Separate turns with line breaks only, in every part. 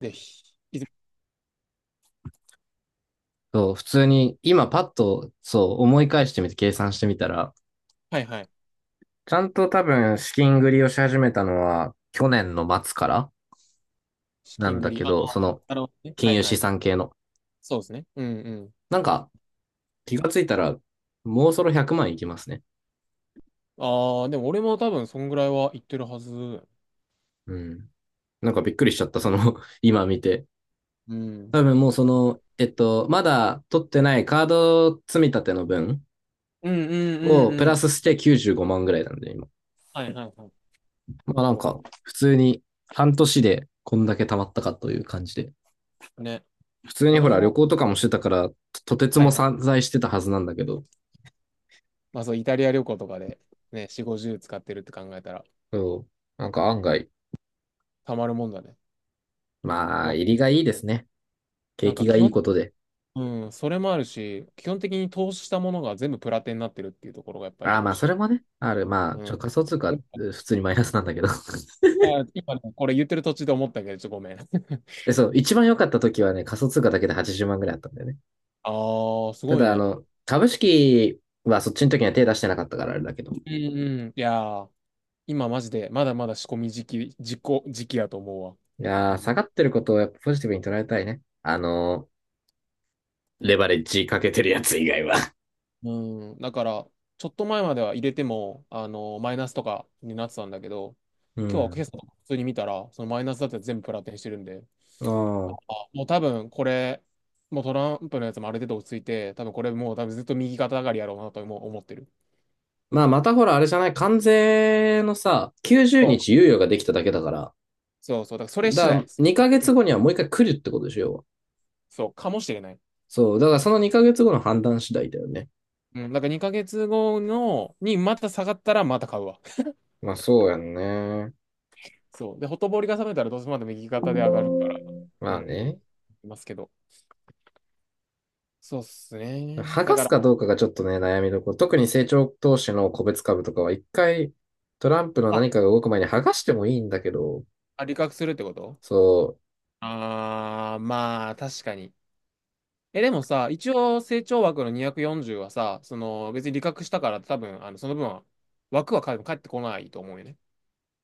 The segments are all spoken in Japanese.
で、
そう、普通に、今パッと、そう、思い返してみて計算してみたら、
はいはい。
ちゃんと多分資金繰りをし始めたのは、去年の末から
資
なん
金繰
だ
り。
け
あ、
ど、
なるほどね。は
金
い
融
は
資
い。
産系の。
そうですね。うんう
なんか、気がついたら、もうそろ100万いきますね。
ん。ああ、でも俺も多分そんぐらいは言ってるはず。
うん。なんかびっくりしちゃった、今見て。
うん。うん
多分もうまだ取ってないカード積み立ての分
うんう
を
ん
プ
う
ラ
ん。
スして95万ぐらいなんで、今。
はいはいはい。
まあなん
そ
か、普通に半年でこんだけ貯まったかという感じで。
う。ね。
普通に
俺
ほら旅
も、
行とかもしてたから、とてつ
は
も
いは
散
い。
在してたはずなんだけど、
まあそう、イタリア旅行とかで、ね、4、50使ってるって考えたら、
そうなんか案外、
たまるもんだね。
ま
ま
あ、
あ、
入りがいいですね。景
なん
気
か
が
基
いい
本、
ことで。
うん、それもあるし、基本的に投資したものが全部プラテになってるっていうところがやっぱ
あ
り
あ、
美
ま
味
あ、
し
それも
い。
ね、ある。
うん。
仮想通貨、え普通にマイナスなんだけど。
あ、今ね、これ言ってる途中で思ったけど、ちょっとごめん。
で、そう、一番良かった時はね、仮想通貨だけで80万ぐらいあったんだよね。
ああ、す
た
ごい
だ、
ね。
株式はそっちの時には手出してなかったからあれだけど。い
うんうん。いやー、今マジで、まだまだ仕込み時期やと思うわ。う
やー、
ん
下がってることをやっぱポジティブに捉えたいね。レバレッジかけてるやつ以外は。
うん。だから、ちょっと前までは入れても、マイナスとかになってたんだけど、
う
今日は今
ん。
朝普通に見たら、そのマイナスだって全部プラテンしてるんで、
あ
あ、
あ。
もう多分これ、もうトランプのやつもある程度落ち着いて、多分これもう多分ずっと右肩上がりやろうなとも思ってる。
まあ、またほら、あれじゃない、関税のさ、90
そ
日
う
猶予ができただけだから、
そうそう、だからそれ次
だか
第で
ら
す。
2ヶ
う
月
ん、
後にはもう一回来るってことでしょ、要は。
そう、かもしれない。
そう、だからその2ヶ月後の判断次第だよね。
うん、だから2ヶ月後の、にまた下がったらまた買うわ。
まあ、そうやんね。
そう。で、ほとぼりが冷めたらどうせまた右肩で上がるから。う
まあ
ん。
ね。
いますけど。そうっすね。
剥
だ
が
か
す
ら、
かどうかがちょっとね、悩みどころ。特に成長投資の個別株とかは一回、トランプの
あ、
何かが動く前に剥がしてもいいんだけど、
あ利確するってこと？
そ
あー、まあ、確かに。え、でもさ、一応成長枠の240はさ、その、別に利確したから多分、その分は、枠は返ってこないと思うよね。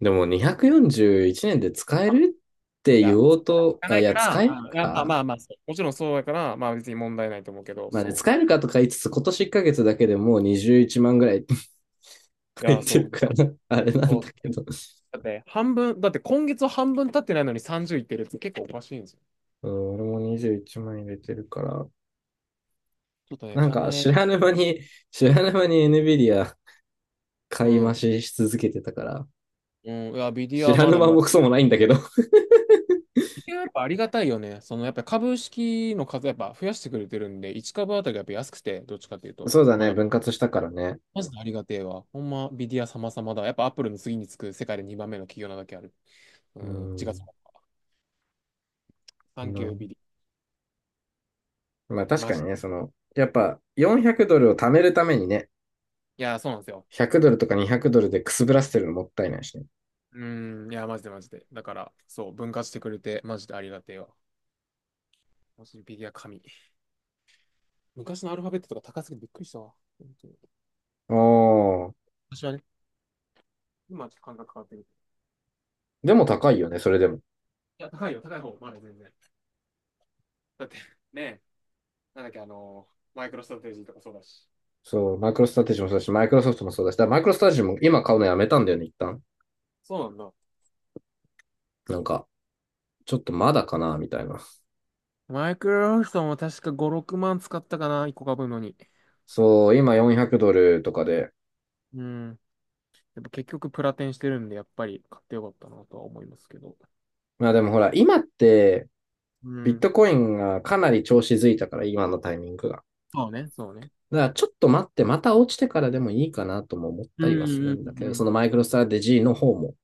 う、でも241年で使えるって
い
言
や、
お
つ
うと、
か
あ、
な
い
いか
や、
ら、
使える
あいやまあ
か
まあまあ、そうもちろんそうだから、まあ別に問題ないと思うけど、
まあね、
そ
使え
う。
るかとか言いつつ、今年1ヶ月だけでもう21万ぐらい
い
入
や、
ってる
そ
か
う。
ら、あれなんだけど。
だってね半分、だって今月半分経ってないのに30いってるって結構おかしいんですよ。
うん、俺も21万入れてるから。
ちょっとね、
なんか、
金、
知らぬ間に NVIDIA
う
買い増
ん。
しし続けてたから、
うん、いや、ビディア
知
は
ら
ま
ぬ
だ
間
ま
も
だ。
クソもないんだけど
ビディアはやっぱありがたいよね。そのやっぱ株式の数やっぱ増やしてくれてるんで、1株あたりやっぱ安くて、どっちかという と、
そうだ
ま
ね、
だ、
分割したからね。
マジでありがてえわ。ほんま、ビディア様々だ。やっぱアップルの次につく世界で2番目の企業なだけある。う
う
ん、違う、
ん。
サ
う
ンキュー
ん、
ビディア。
まあ確
マ
か
ジ。
にね、その、やっぱ400ドルを貯めるためにね、
いや、そうなんですよ。
100ドルとか200ドルでくすぶらせてるのもったいないしね。
うーん、いや、マジでマジで。だから、そう、分割してくれて、マジでありがてえわ。マジでビディア神。昔のアルファベットとか高すぎてびっくりしたわ。本当に
ああ、
私はね、今はちょっと感覚変わってる。
でも高いよね、それでも。
いや、高いよ、高い方、まだ全然。だって、ね、なんだっけ、マイクロストラテジーとかそうだし。
そう、マイクロストラテジーもそうだし、マイクロソフトもそうだし、だからマイクロストラテジーも今買うのやめたんだよね、一旦。
そうなんだ。
なんか、ちょっとまだかな、みたいな。
マイクロソフトも確か5、6万使ったかな、1個買うのに。
そう、今400ドルとかで。
うん。やっぱ結局プラテンしてるんで、やっぱり買ってよかったなとは思いますけど。
まあでもほら、今って、
う
ビッ
ん。
トコインがかなり調子づいたから、今のタイミングが。
そうね、そうね。
だからちょっと待って、また落ちてからでもいいかなとも思っ
う
たりはする
ん
んだけ
う
ど、その
ん
マイクロストラテジーの方も。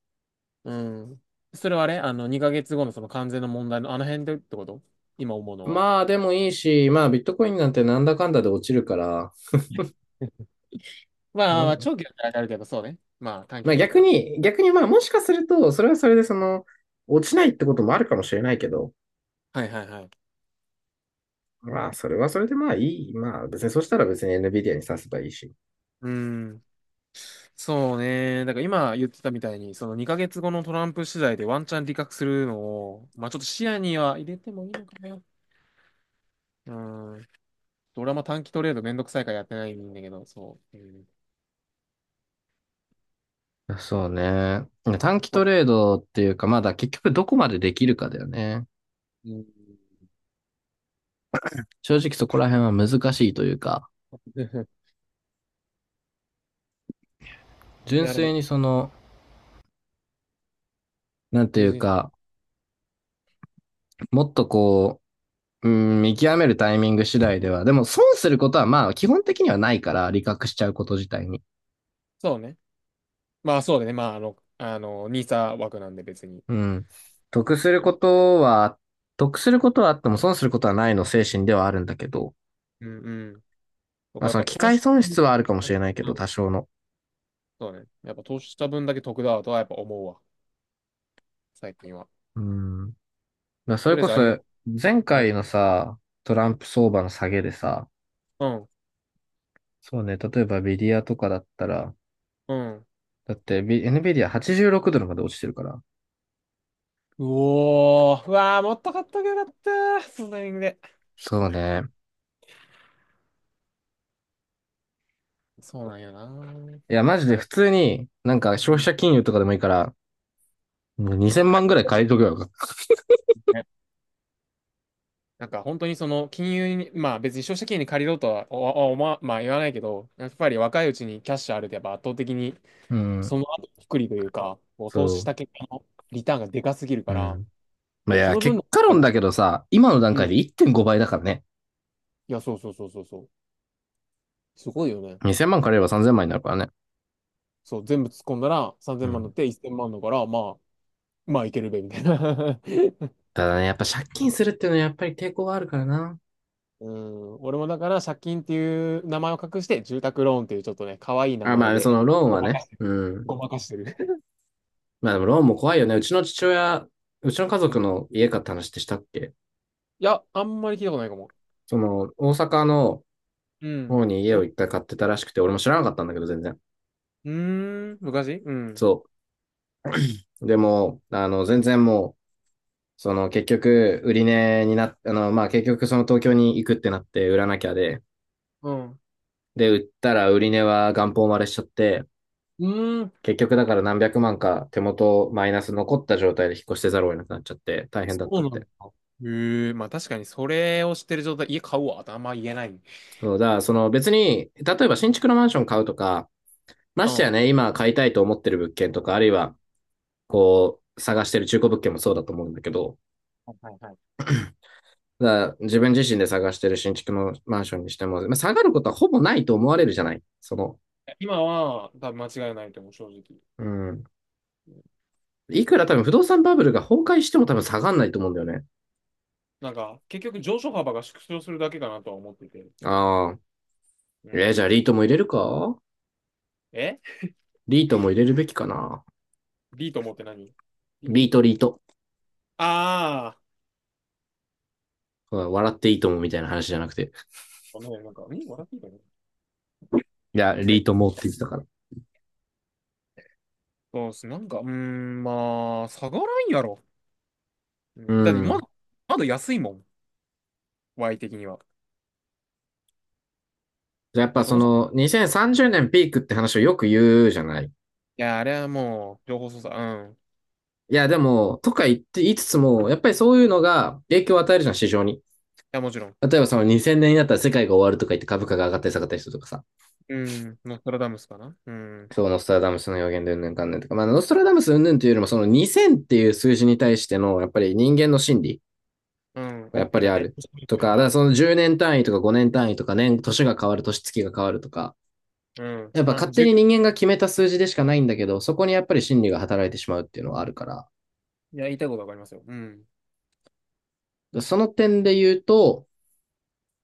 うん。うん。それはあれあの、2ヶ月後のその完全の問題のあの辺でってこと？今思うのは。
まあでもいいし、まあビットコインなんてなんだかんだで落ちるから、
まあま
う
あまあ、
ん
長期だったらあれだけど、そうね。まあ短期
まあ
だった
逆
ら。
に、逆にまあもしかすると、それはそれで落ちないってこともあるかもしれないけど、
はいはいはい。
まあそれはそれでまあいい。まあ別にそしたら別に NVIDIA に刺せばいいし。
うーん。そうね。だから今言ってたみたいに、その2ヶ月後のトランプ次第でワンチャン利確するのを、まあちょっと視野には入れてもいいのかな。うーん。俺はも短期トレードめんどくさいからやってないんだけど、そう。うん。
そうね。短期トレードっていうか、まだ結局どこまでできるかだよね。
うん。
正直そこら辺は難しいというか、
い
純
や、で
粋
も、
にその、なんてい
別
う
に、
か、もっとこう、うん、見極めるタイミング次第では、でも損することはまあ基本的にはないから、利確しちゃうこと自体に。
そうね。まあそうだね。まあニーサ枠なんで別に。
うん。得することは、得することはあっても損することはないの精神ではあるんだけど、
うんうん。と
まあ
かや
そ
っ
の
ぱ
機
投
会
資、
損
う
失はあるかもしれないけど、多
ん、
少の。
そうね。やっぱ投資した分だけ得だとはやっぱ思うわ。最近は。
うん。だからそ
と
れ
りあえ
こ
ず
そ、
ありがと
前
う。うん。
回のさ、トランプ相場の下げでさ、
うん。
そうね、例えばビディアとかだったら、
うん。
だって、ビ NVIDIA86 ドルまで落ちてるから。
うおー。うわー、もっと買っとけよかった。そのタイミングで。
そうね。
そうなんやな。
いや、マジ
な
で
んか、
普通に、なんか
う
消費
ん、
者金融とかでもいいから、もう2000万ぐらい借りとけばよかった。
ね、なんか本当にその金融に、まあ別に消費者金融に借りろとはおおおま、まあ言わないけど、やっぱり若いうちにキャッシュあるとやっぱ圧倒的に
うん。
その後くくりというか、こう投資し
そ
た結果のリターンがでかすぎるか
う。う
ら、
ん。い
そ
や、
の分
結
の、
果
う
論だけどさ、今の段
ん、い
階で1.5倍だからね。
や、そうそうそうそうそう。すごいよね。
2000万借りれば3000万になるからね。
そう、全部突っ込んだら3000
う
万にな
ん。
って1000万だから、まあ、まあいけるべ、みたいな。
ただね、やっぱ借金するっていうのはやっぱり抵抗があるからな。
うん、俺もだから借金っていう名前を隠して、住宅ローンっていうちょっとね、可愛い名
あ、ま
前
あ、そ
で、
のローン
ご
は
まか
ね。
してる。
うん。
ごまかしてる。
まあでもローンも怖いよね。うちの父親、うちの家
うん、い
族の家買った話ってしたっけ？
や、あんまり聞いたことないかも。
その、大阪の
うん。
方に家
お、
を
う
一回買ってたらしくて、俺も知らなかったんだけど、全然。
ーん、昔うん。
そう。でも、全然もう、その結局、売り値になっあの、まあ結局その東京に行くってなって売らなきゃで、
うん。
で、売ったら売り値は元本割れしちゃって、
うーん、
結局だから何百万か手元マイナス残った状態で引っ越してざるを得なくなっちゃって大変
そ
だったっ
うなん
て。
だ。へえ、まあ確かにそれを知ってる状態、家買うわってあんま言えない。うん。
そうだ、その別に、例えば新築のマンション買うとか、ましてや
は
ね、今買いたいと思ってる物件とか、あるいはこう探してる中古物件もそうだと思うんだけど、
いはいはい。
だから自分自身で探してる新築のマンションにしても、まあ、下がることはほぼないと思われるじゃない。その、
今は、多分間違いないと思う、正直。
うん。いくら多分不動産バブルが崩壊しても多分下がんないと思うんだよね。
なんか、結局上昇幅が縮小するだけかなとは思ってて。そ
ああ、
う。う
えー、じゃあ
ん。え、
リートも入れるべきかな。
リートモって何？リ、リ
リー
ー
ト、
ト？
リート。
ああー。
笑っていいともみたいな話じゃなくて。
ごめん、なんか、ん、笑っていいかな？
いや、
何？
リートもって言ってたから。
そうっす。なんか、うーん、まあ、下がらんやろ。う
う
ん。だって、ま
ん。
だ、まだ安いもん。Y 的には。
やっ
ま
ぱ
あ、そ
そ
もそも。
の、2030年ピークって話をよく言うじゃない。い
いや、あれはもう、情報操作。うん。い
や、でも、とか言って言いつつも、やっぱりそういうのが影響を与えるじゃん、市場に。
や、もちろん。
例えばその2000年になったら世界が終わるとか言って株価が上がったり下がったりするとかさ。
うん。ノストラダムスかな。うん。
そう、ノストラダムスの予言でうんぬんかんぬんとか。まあ、ノストラダムスうんぬんというよりも、その2000っていう数字に対しての、やっぱり人間の心理。
うん。
やっ
大
ぱ
き
り
な
あ
ね。
る。
星降りと
と
いう
か、だか
か。
らその10年単位とか5年単位とか年が変わる、年月が変わるとか、
うん。
やっぱ勝手
30。
に人間が決めた数字でしかないんだけど、そこにやっぱり心理が働いてしまうっていうのはあるか
いや、言いたいことわかりますよ。うん。
ら、その点で言うと、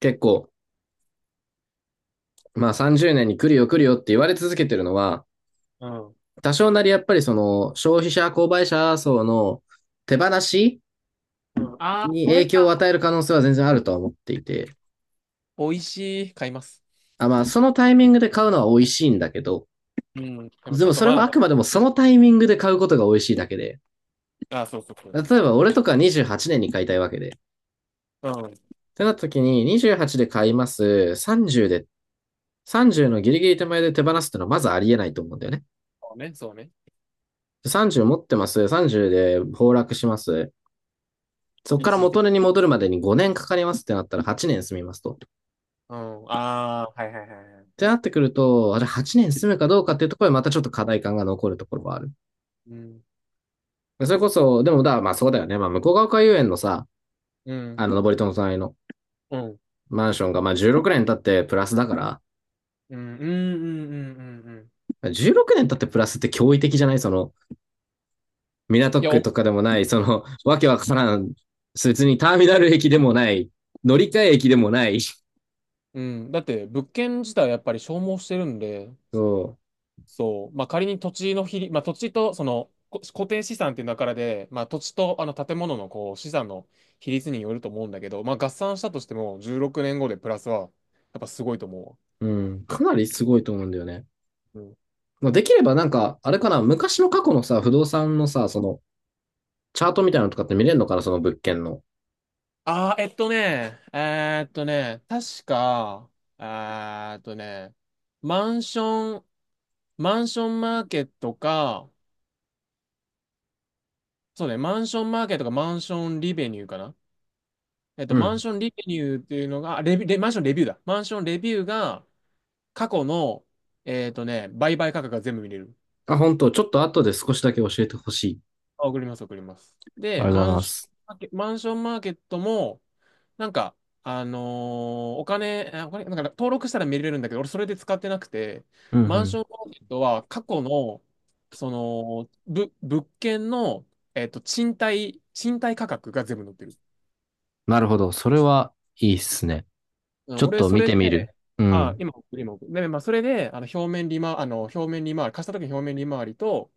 結構、まあ30年に来るよって言われ続けてるのは、
うん。
多少なりやっぱりその消費者、購買者層の手放し
うん。ああ、
に
そ
影
れ
響を与
か。
える可能性は全然あるとは思っていて、
美味しい。買います。
あまあそのタイミングで買うのは美味しいんだけど、
うん。でも
で
ちょ
も
っと
それ
ま
は
だ
あ
だ。
くまでもそのタイミングで買うことが美味しいだけで、
あ、そうそうそう。
例えば、俺とか28年に買いたいわけで。っ
うん。
てなった時に、28で買います。30で、30のギリギリ手前で手放すってのはまずありえないと思うんだよね。
そうね、そうね。
30持ってます。30で崩落します。そこ
一
から
時的。
元値に戻るまでに5年かかりますってなったら8年住みますと。っ
うん。ああ、はいはいはいはい。
てなってくると、あれ8年住むかどうかっていうところでまたちょっと課題感が残るところはある。
うん。
それこそ、でもだ、まあそうだよね。まあ向こう側海遊園のさ、
うん。
あの、登戸の隣の
うん。
マンションがまあ16年経ってプラスだから、
うん。うん。うん。うんうんうん、
16年経ってプラスって驚異的じゃないその、港
いや、
区
お、
とかでもない、その、わけわからん、別にターミナル駅でもない、乗り換え駅でもない、
うん。だって物件自体やっぱり消耗してるんで、
そ
そう。まあ仮に土地の比率、まあ土地とそのこ固定資産っていう中で、まあ土地とあの建物のこう資産の比率によると思うんだけど、まあ合算したとしても16年後でプラスはやっぱすごいと思
う、うん、かなりすごいと思うんだよね。
うわ。
まあ、できればなんか、あれかな、昔の過去のさ、不動産のさ、その、チャートみたいなのとかって見れるのかな、その物件の。
ああ、えっとね、ね、確か、えーっとね、マンション、マンションマーケットか、そうね、マンションマーケットかマンションリベニューかな。
う
マン
ん。
ションリベニューっていうのが、あレビ、レ、マンションレビューだ。マンションレビューが、過去の、売買価格が全部見れる。
あ、本当ちょっと後で少しだけ教えてほしい。
あ、送ります、送ります。
あ
で、
りがとうございます。
マンションマーケットも、なんか、あのーお金、なんか登録したら見れるんだけど、俺それで使ってなくて、
うんう
マンシ
ん。
ョンマーケットは過去の、その、物件の、賃貸価格が全部載ってる。
なるほど。それはいいっすね。
う
ちょ
ん、
っ
俺、
と
そ
見
れ
てみる。
で、
う
あ、
ん。
今送る、今送る。で、まあ、それで、表面利回り、貸した時の表面利回りと、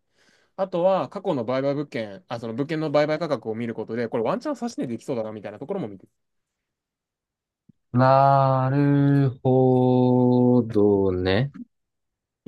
あとは、過去の売買物件、あ、その物件の売買価格を見ることで、これワンチャン差し値できそうだな、みたいなところも見てる。
なるほどね。